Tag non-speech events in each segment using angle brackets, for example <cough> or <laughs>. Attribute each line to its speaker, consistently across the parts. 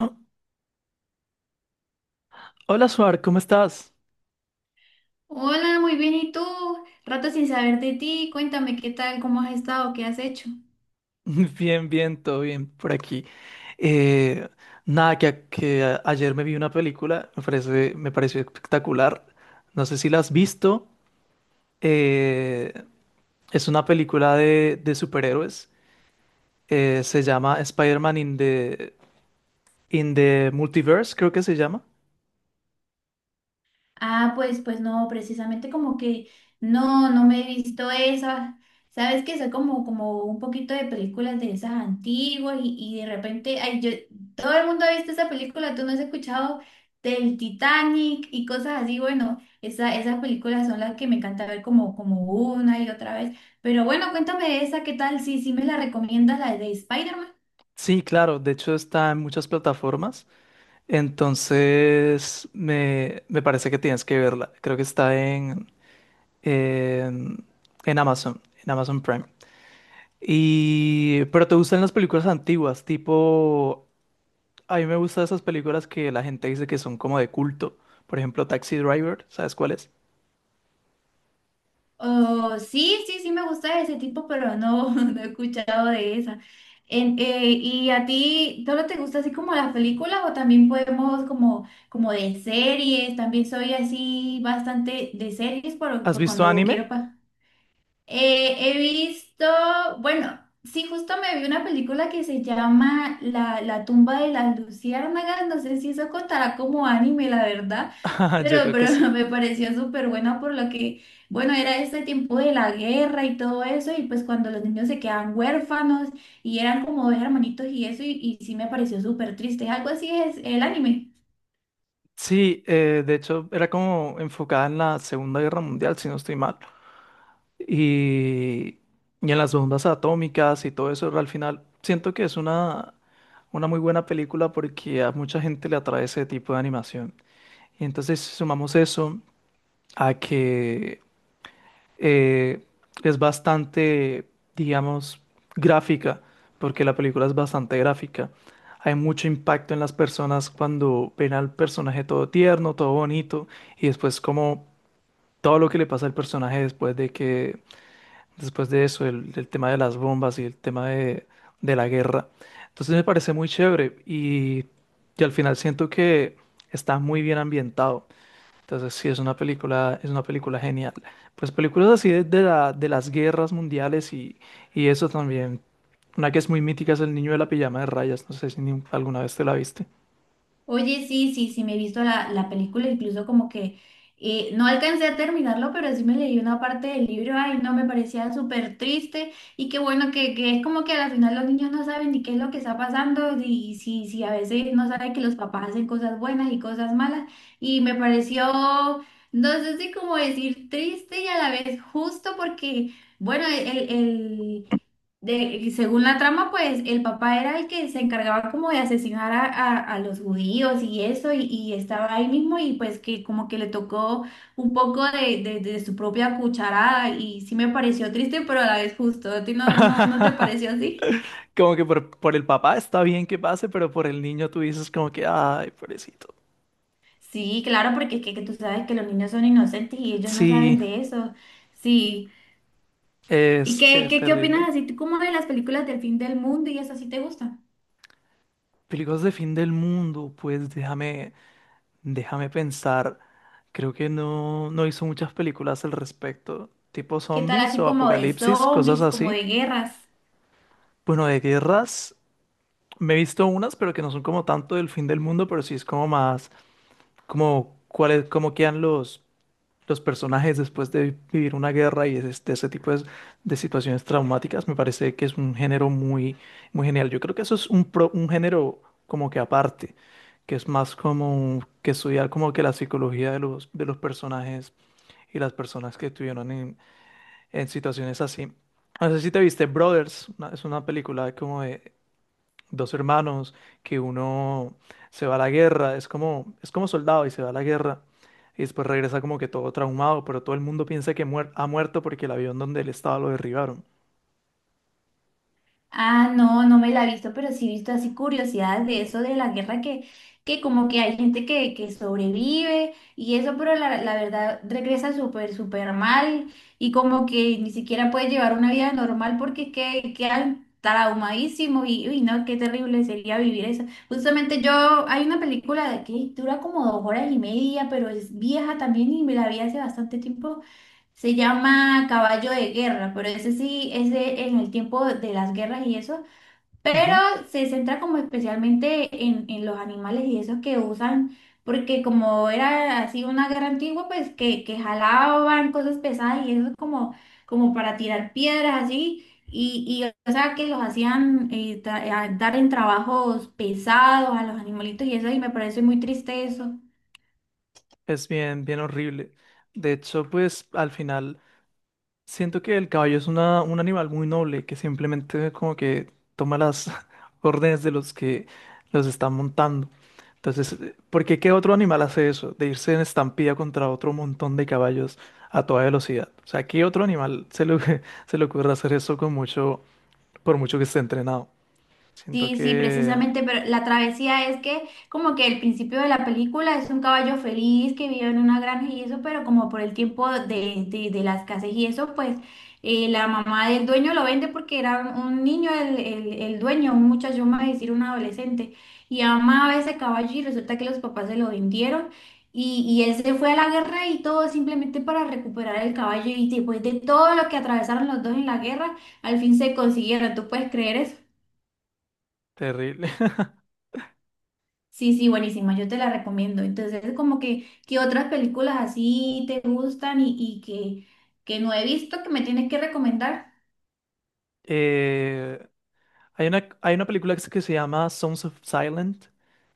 Speaker 1: Oh, hola, Suar, ¿cómo estás?
Speaker 2: Hola, muy bien. ¿Y tú? Rato sin saber de ti. Cuéntame qué tal, cómo has estado, qué has hecho.
Speaker 1: <laughs> Bien, bien, todo bien por aquí. Eh, nada, que ayer me vi una película, me parece, me pareció espectacular. No sé si la has visto. eh, es una película de superhéroes. Se llama Spider-Man in the Multiverse, creo que se llama.
Speaker 2: Ah, pues, pues no, precisamente como que no me he visto esa. Sabes que soy como, como un poquito de películas de esas antiguas y de repente, ay, yo, todo el mundo ha visto esa película, tú no has escuchado del Titanic y cosas así. Bueno, esa, esas películas son las que me encanta ver como, como una y otra vez. Pero bueno, cuéntame de esa, ¿qué tal? Sí, sí me la recomiendas, la de Spider-Man.
Speaker 1: Sí, claro, de hecho está en muchas plataformas. Entonces, me parece que tienes que verla. Creo que está eh, en Amazon, en Amazon Prime. Y pero te gustan las películas antiguas, tipo, a mí me gustan esas películas que la gente dice que son como de culto. Por ejemplo, Taxi Driver, ¿sabes cuál es?
Speaker 2: Oh, sí, sí, sí me gusta ese tipo, pero no, <laughs> no he escuchado de esa. ¿Y a ti solo te gusta así como las películas o también podemos como, como de series? También soy así bastante de series por,
Speaker 1: ¿Has
Speaker 2: por
Speaker 1: visto
Speaker 2: cuando quiero
Speaker 1: anime?
Speaker 2: pa. He visto, bueno, sí, justo me vi una película que se llama la tumba de las luciérnagas, no sé si eso contará como anime, la verdad,
Speaker 1: <laughs> Yo creo que
Speaker 2: pero <laughs>
Speaker 1: sí.
Speaker 2: me pareció súper buena por lo que, bueno, era este tiempo de la guerra y todo eso, y pues cuando los niños se quedan huérfanos y eran como dos hermanitos y eso, y sí me pareció súper triste, algo así es el anime.
Speaker 1: Sí, de hecho era como enfocada en la Segunda Guerra Mundial, si no estoy mal. Y, y en las bombas atómicas y todo eso, al final siento que es una muy buena película porque a mucha gente le atrae ese tipo de animación. Y entonces sumamos eso a que eh, es bastante, digamos, gráfica, porque la película es bastante gráfica. Hay mucho impacto en las personas cuando ven al personaje todo tierno, todo bonito, y después como todo lo que le pasa al personaje después de eso, el tema de las bombas y el tema de la guerra. Entonces me parece muy chévere y al final siento que está muy bien ambientado. Entonces sí, es una película genial. Pues películas así de las guerras mundiales y eso también. Una que es muy mítica es El niño de la pijama de rayas. No sé si alguna vez te la viste.
Speaker 2: Oye, sí, sí, sí, me he visto la película, incluso como que no alcancé a terminarlo, pero sí me leí una parte del libro, ay, no, me parecía súper triste y qué bueno que es como que al final los niños no saben ni qué es lo que está pasando y sí, sí, a veces no saben que los papás hacen cosas buenas y cosas malas y me pareció, no sé si como decir triste y a la vez justo porque, bueno, de, según la trama, pues el papá era el que se encargaba como de asesinar a, a los judíos y eso, y estaba ahí mismo y pues que como que le tocó un poco de, de su propia cucharada y sí me pareció triste, pero a la vez justo. ¿A ti no, no, no te
Speaker 1: <laughs>
Speaker 2: pareció así?
Speaker 1: Como que por el papá está bien que pase, pero por el niño tú dices como que, ay, pobrecito.
Speaker 2: Sí, claro, porque es que tú sabes que los niños son inocentes y ellos no saben
Speaker 1: Sí,
Speaker 2: de eso. Sí. ¿Y
Speaker 1: es,
Speaker 2: qué,
Speaker 1: es
Speaker 2: qué, qué opinas
Speaker 1: terrible.
Speaker 2: así tú como de las películas del fin del mundo y eso sí te gusta?
Speaker 1: Películas de fin del mundo, pues déjame pensar. Creo que no hizo muchas películas al respecto. Tipo
Speaker 2: ¿Qué tal
Speaker 1: zombies
Speaker 2: así
Speaker 1: o
Speaker 2: como de
Speaker 1: apocalipsis, cosas
Speaker 2: zombies, como
Speaker 1: así.
Speaker 2: de guerras?
Speaker 1: Bueno, de guerras me he visto unas, pero que no son como tanto del fin del mundo, pero sí es como más, como cuáles, cómo quedan los personajes después de vivir una guerra y es ese tipo de situaciones traumáticas. Me parece que es un género muy, muy genial. Yo creo que eso es un género como que aparte, que es más como que estudiar como que la psicología de los personajes y las personas que estuvieron en situaciones así. No sé si te viste Brothers, es una película como de, dos hermanos, que uno se va a la guerra, es como soldado y se va a la guerra y después regresa como que todo traumado, pero todo el mundo piensa que ha muerto porque el avión donde él estaba lo derribaron.
Speaker 2: Ah, no, no me la he visto, pero sí he visto así curiosidades de eso, de la guerra que como que hay gente que sobrevive y eso, pero la verdad regresa súper, súper mal y como que ni siquiera puede llevar una vida normal porque que, quedan traumadísimos y uy, no, qué terrible sería vivir eso. Justamente yo, hay una película de que dura como dos horas y media, pero es vieja también y me la vi hace bastante tiempo, se llama Caballo de Guerra, pero ese sí es en el tiempo de las guerras y eso, pero
Speaker 1: Ujú.
Speaker 2: se centra como especialmente en los animales y eso que usan, porque como era así una guerra antigua, pues que jalaban cosas pesadas y eso como, como para tirar piedras así, y o sea que los hacían dar en trabajos pesados a los animalitos y eso, y me parece muy triste eso.
Speaker 1: Es bien, bien horrible. De hecho, pues al final siento que el caballo es un animal muy noble que simplemente como que toma las <laughs> órdenes de los que los están montando. Entonces, ¿por qué qué otro animal hace eso? De irse en estampida contra otro montón de caballos a toda velocidad. O sea, ¿qué otro animal se le, <laughs> se le ocurre hacer eso por mucho que esté entrenado? Siento
Speaker 2: Sí, sí,
Speaker 1: que
Speaker 2: precisamente, pero la travesía es que como que el principio de la película es un caballo feliz que vive en una granja y eso, pero como por el tiempo de la escasez y eso, pues la mamá del dueño lo vende porque era un niño el dueño, un muchacho, vamos a decir un adolescente, y amaba ese caballo y resulta que los papás se lo vendieron y él se fue a la guerra y todo simplemente para recuperar el caballo y después de todo lo que atravesaron los dos en la guerra, al fin se consiguieron, ¿tú puedes creer eso?
Speaker 1: terrible. <laughs>
Speaker 2: Sí, sí, buenísima, yo te la recomiendo. Entonces, como que, ¿qué otras películas así te gustan y que no he visto que me tienes que recomendar?
Speaker 1: Eh, hay una película que se llama Sons of Silent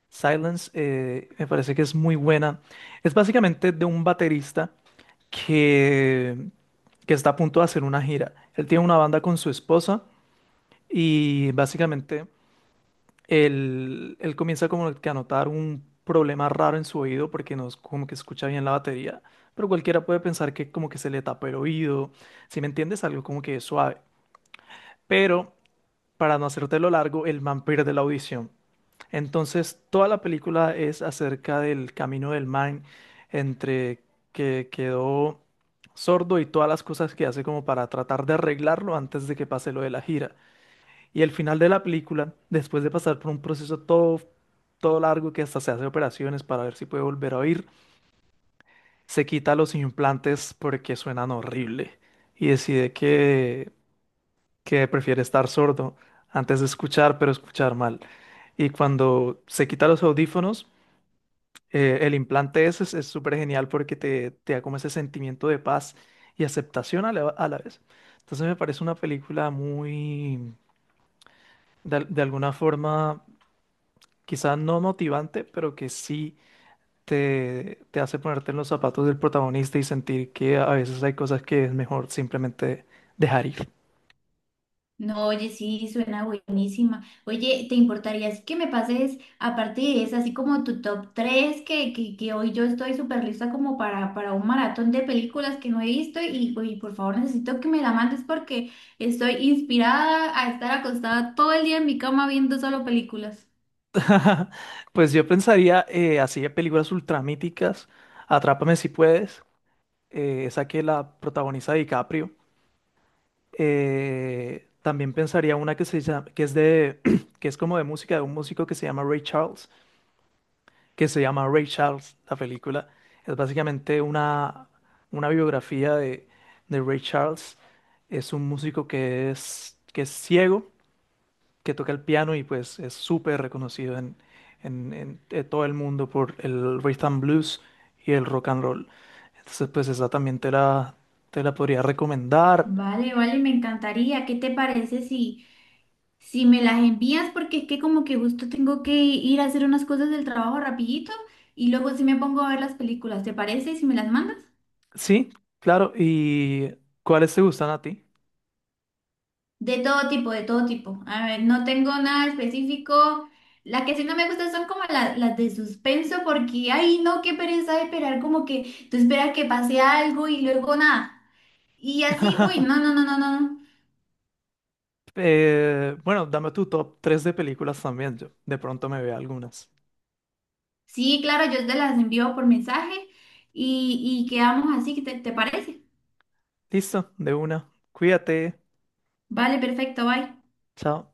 Speaker 1: Silence me parece que es muy buena. Es básicamente de un baterista que, que está a punto de hacer una gira. Él tiene una banda con su esposa y básicamente él comienza como que a notar un problema raro en su oído porque no es como que escucha bien la batería, pero cualquiera puede pensar que como que se le tapa el oído, si me entiendes, algo como que suave. Pero para no hacértelo largo, el man pierde la audición. Entonces, toda la película es acerca del camino del man entre que quedó sordo y todas las cosas que hace como para tratar de arreglarlo antes de que pase lo de la gira. Y el final de la película, después de pasar por un proceso todo largo, que hasta se hace operaciones para ver si puede volver a oír, se quita los implantes porque suenan horrible y decide que prefiere estar sordo antes de escuchar, pero escuchar mal. Y cuando se quita los audífonos, el implante ese es súper genial porque te da como ese sentimiento de paz y aceptación a la vez. Entonces me parece una película muy, de alguna forma, quizás no motivante, pero que sí te hace ponerte en los zapatos del protagonista y sentir que a veces hay cosas que es mejor simplemente dejar ir.
Speaker 2: No, oye, sí, suena buenísima. Oye, ¿te importaría así que me pases, aparte de esa, así como tu top 3 que hoy yo estoy súper lista como para un maratón de películas que no he visto y por favor necesito que me la mandes porque estoy inspirada a estar acostada todo el día en mi cama viendo solo películas.
Speaker 1: <laughs> Pues yo pensaría así de películas ultramíticas, Atrápame si puedes, esa que la protagoniza DiCaprio. También pensaría una que se llama, que es de, <clears throat> que es como de música de un músico que se llama Ray Charles, que se llama Ray Charles, la película. Es básicamente una biografía de Ray Charles. Es un músico que es ciego, que toca el piano y pues es súper reconocido en todo el mundo por el rhythm blues y el rock and roll. Entonces pues esa también te la podría recomendar.
Speaker 2: Vale, vale, me encantaría. ¿Qué te parece si, si me las envías? Porque es que como que justo tengo que ir a hacer unas cosas del trabajo rapidito y luego sí me pongo a ver las películas. ¿Te parece si me las mandas?
Speaker 1: Sí, claro. ¿Y cuáles te gustan a ti?
Speaker 2: De todo tipo, de todo tipo. A ver, no tengo nada específico. Las que sí no me gustan son como las de suspenso porque, ay, no, qué pereza de esperar, como que tú esperas que pase algo y luego nada. Y así, uy, no,
Speaker 1: <laughs>
Speaker 2: no, no, no, no. no.
Speaker 1: Bueno, dame tu top 3 de películas también. Yo de pronto me veo algunas.
Speaker 2: Sí, claro, yo te las envío por mensaje y quedamos así, ¿te, te parece?
Speaker 1: Listo, de una. Cuídate.
Speaker 2: Vale, perfecto, bye.
Speaker 1: Chao.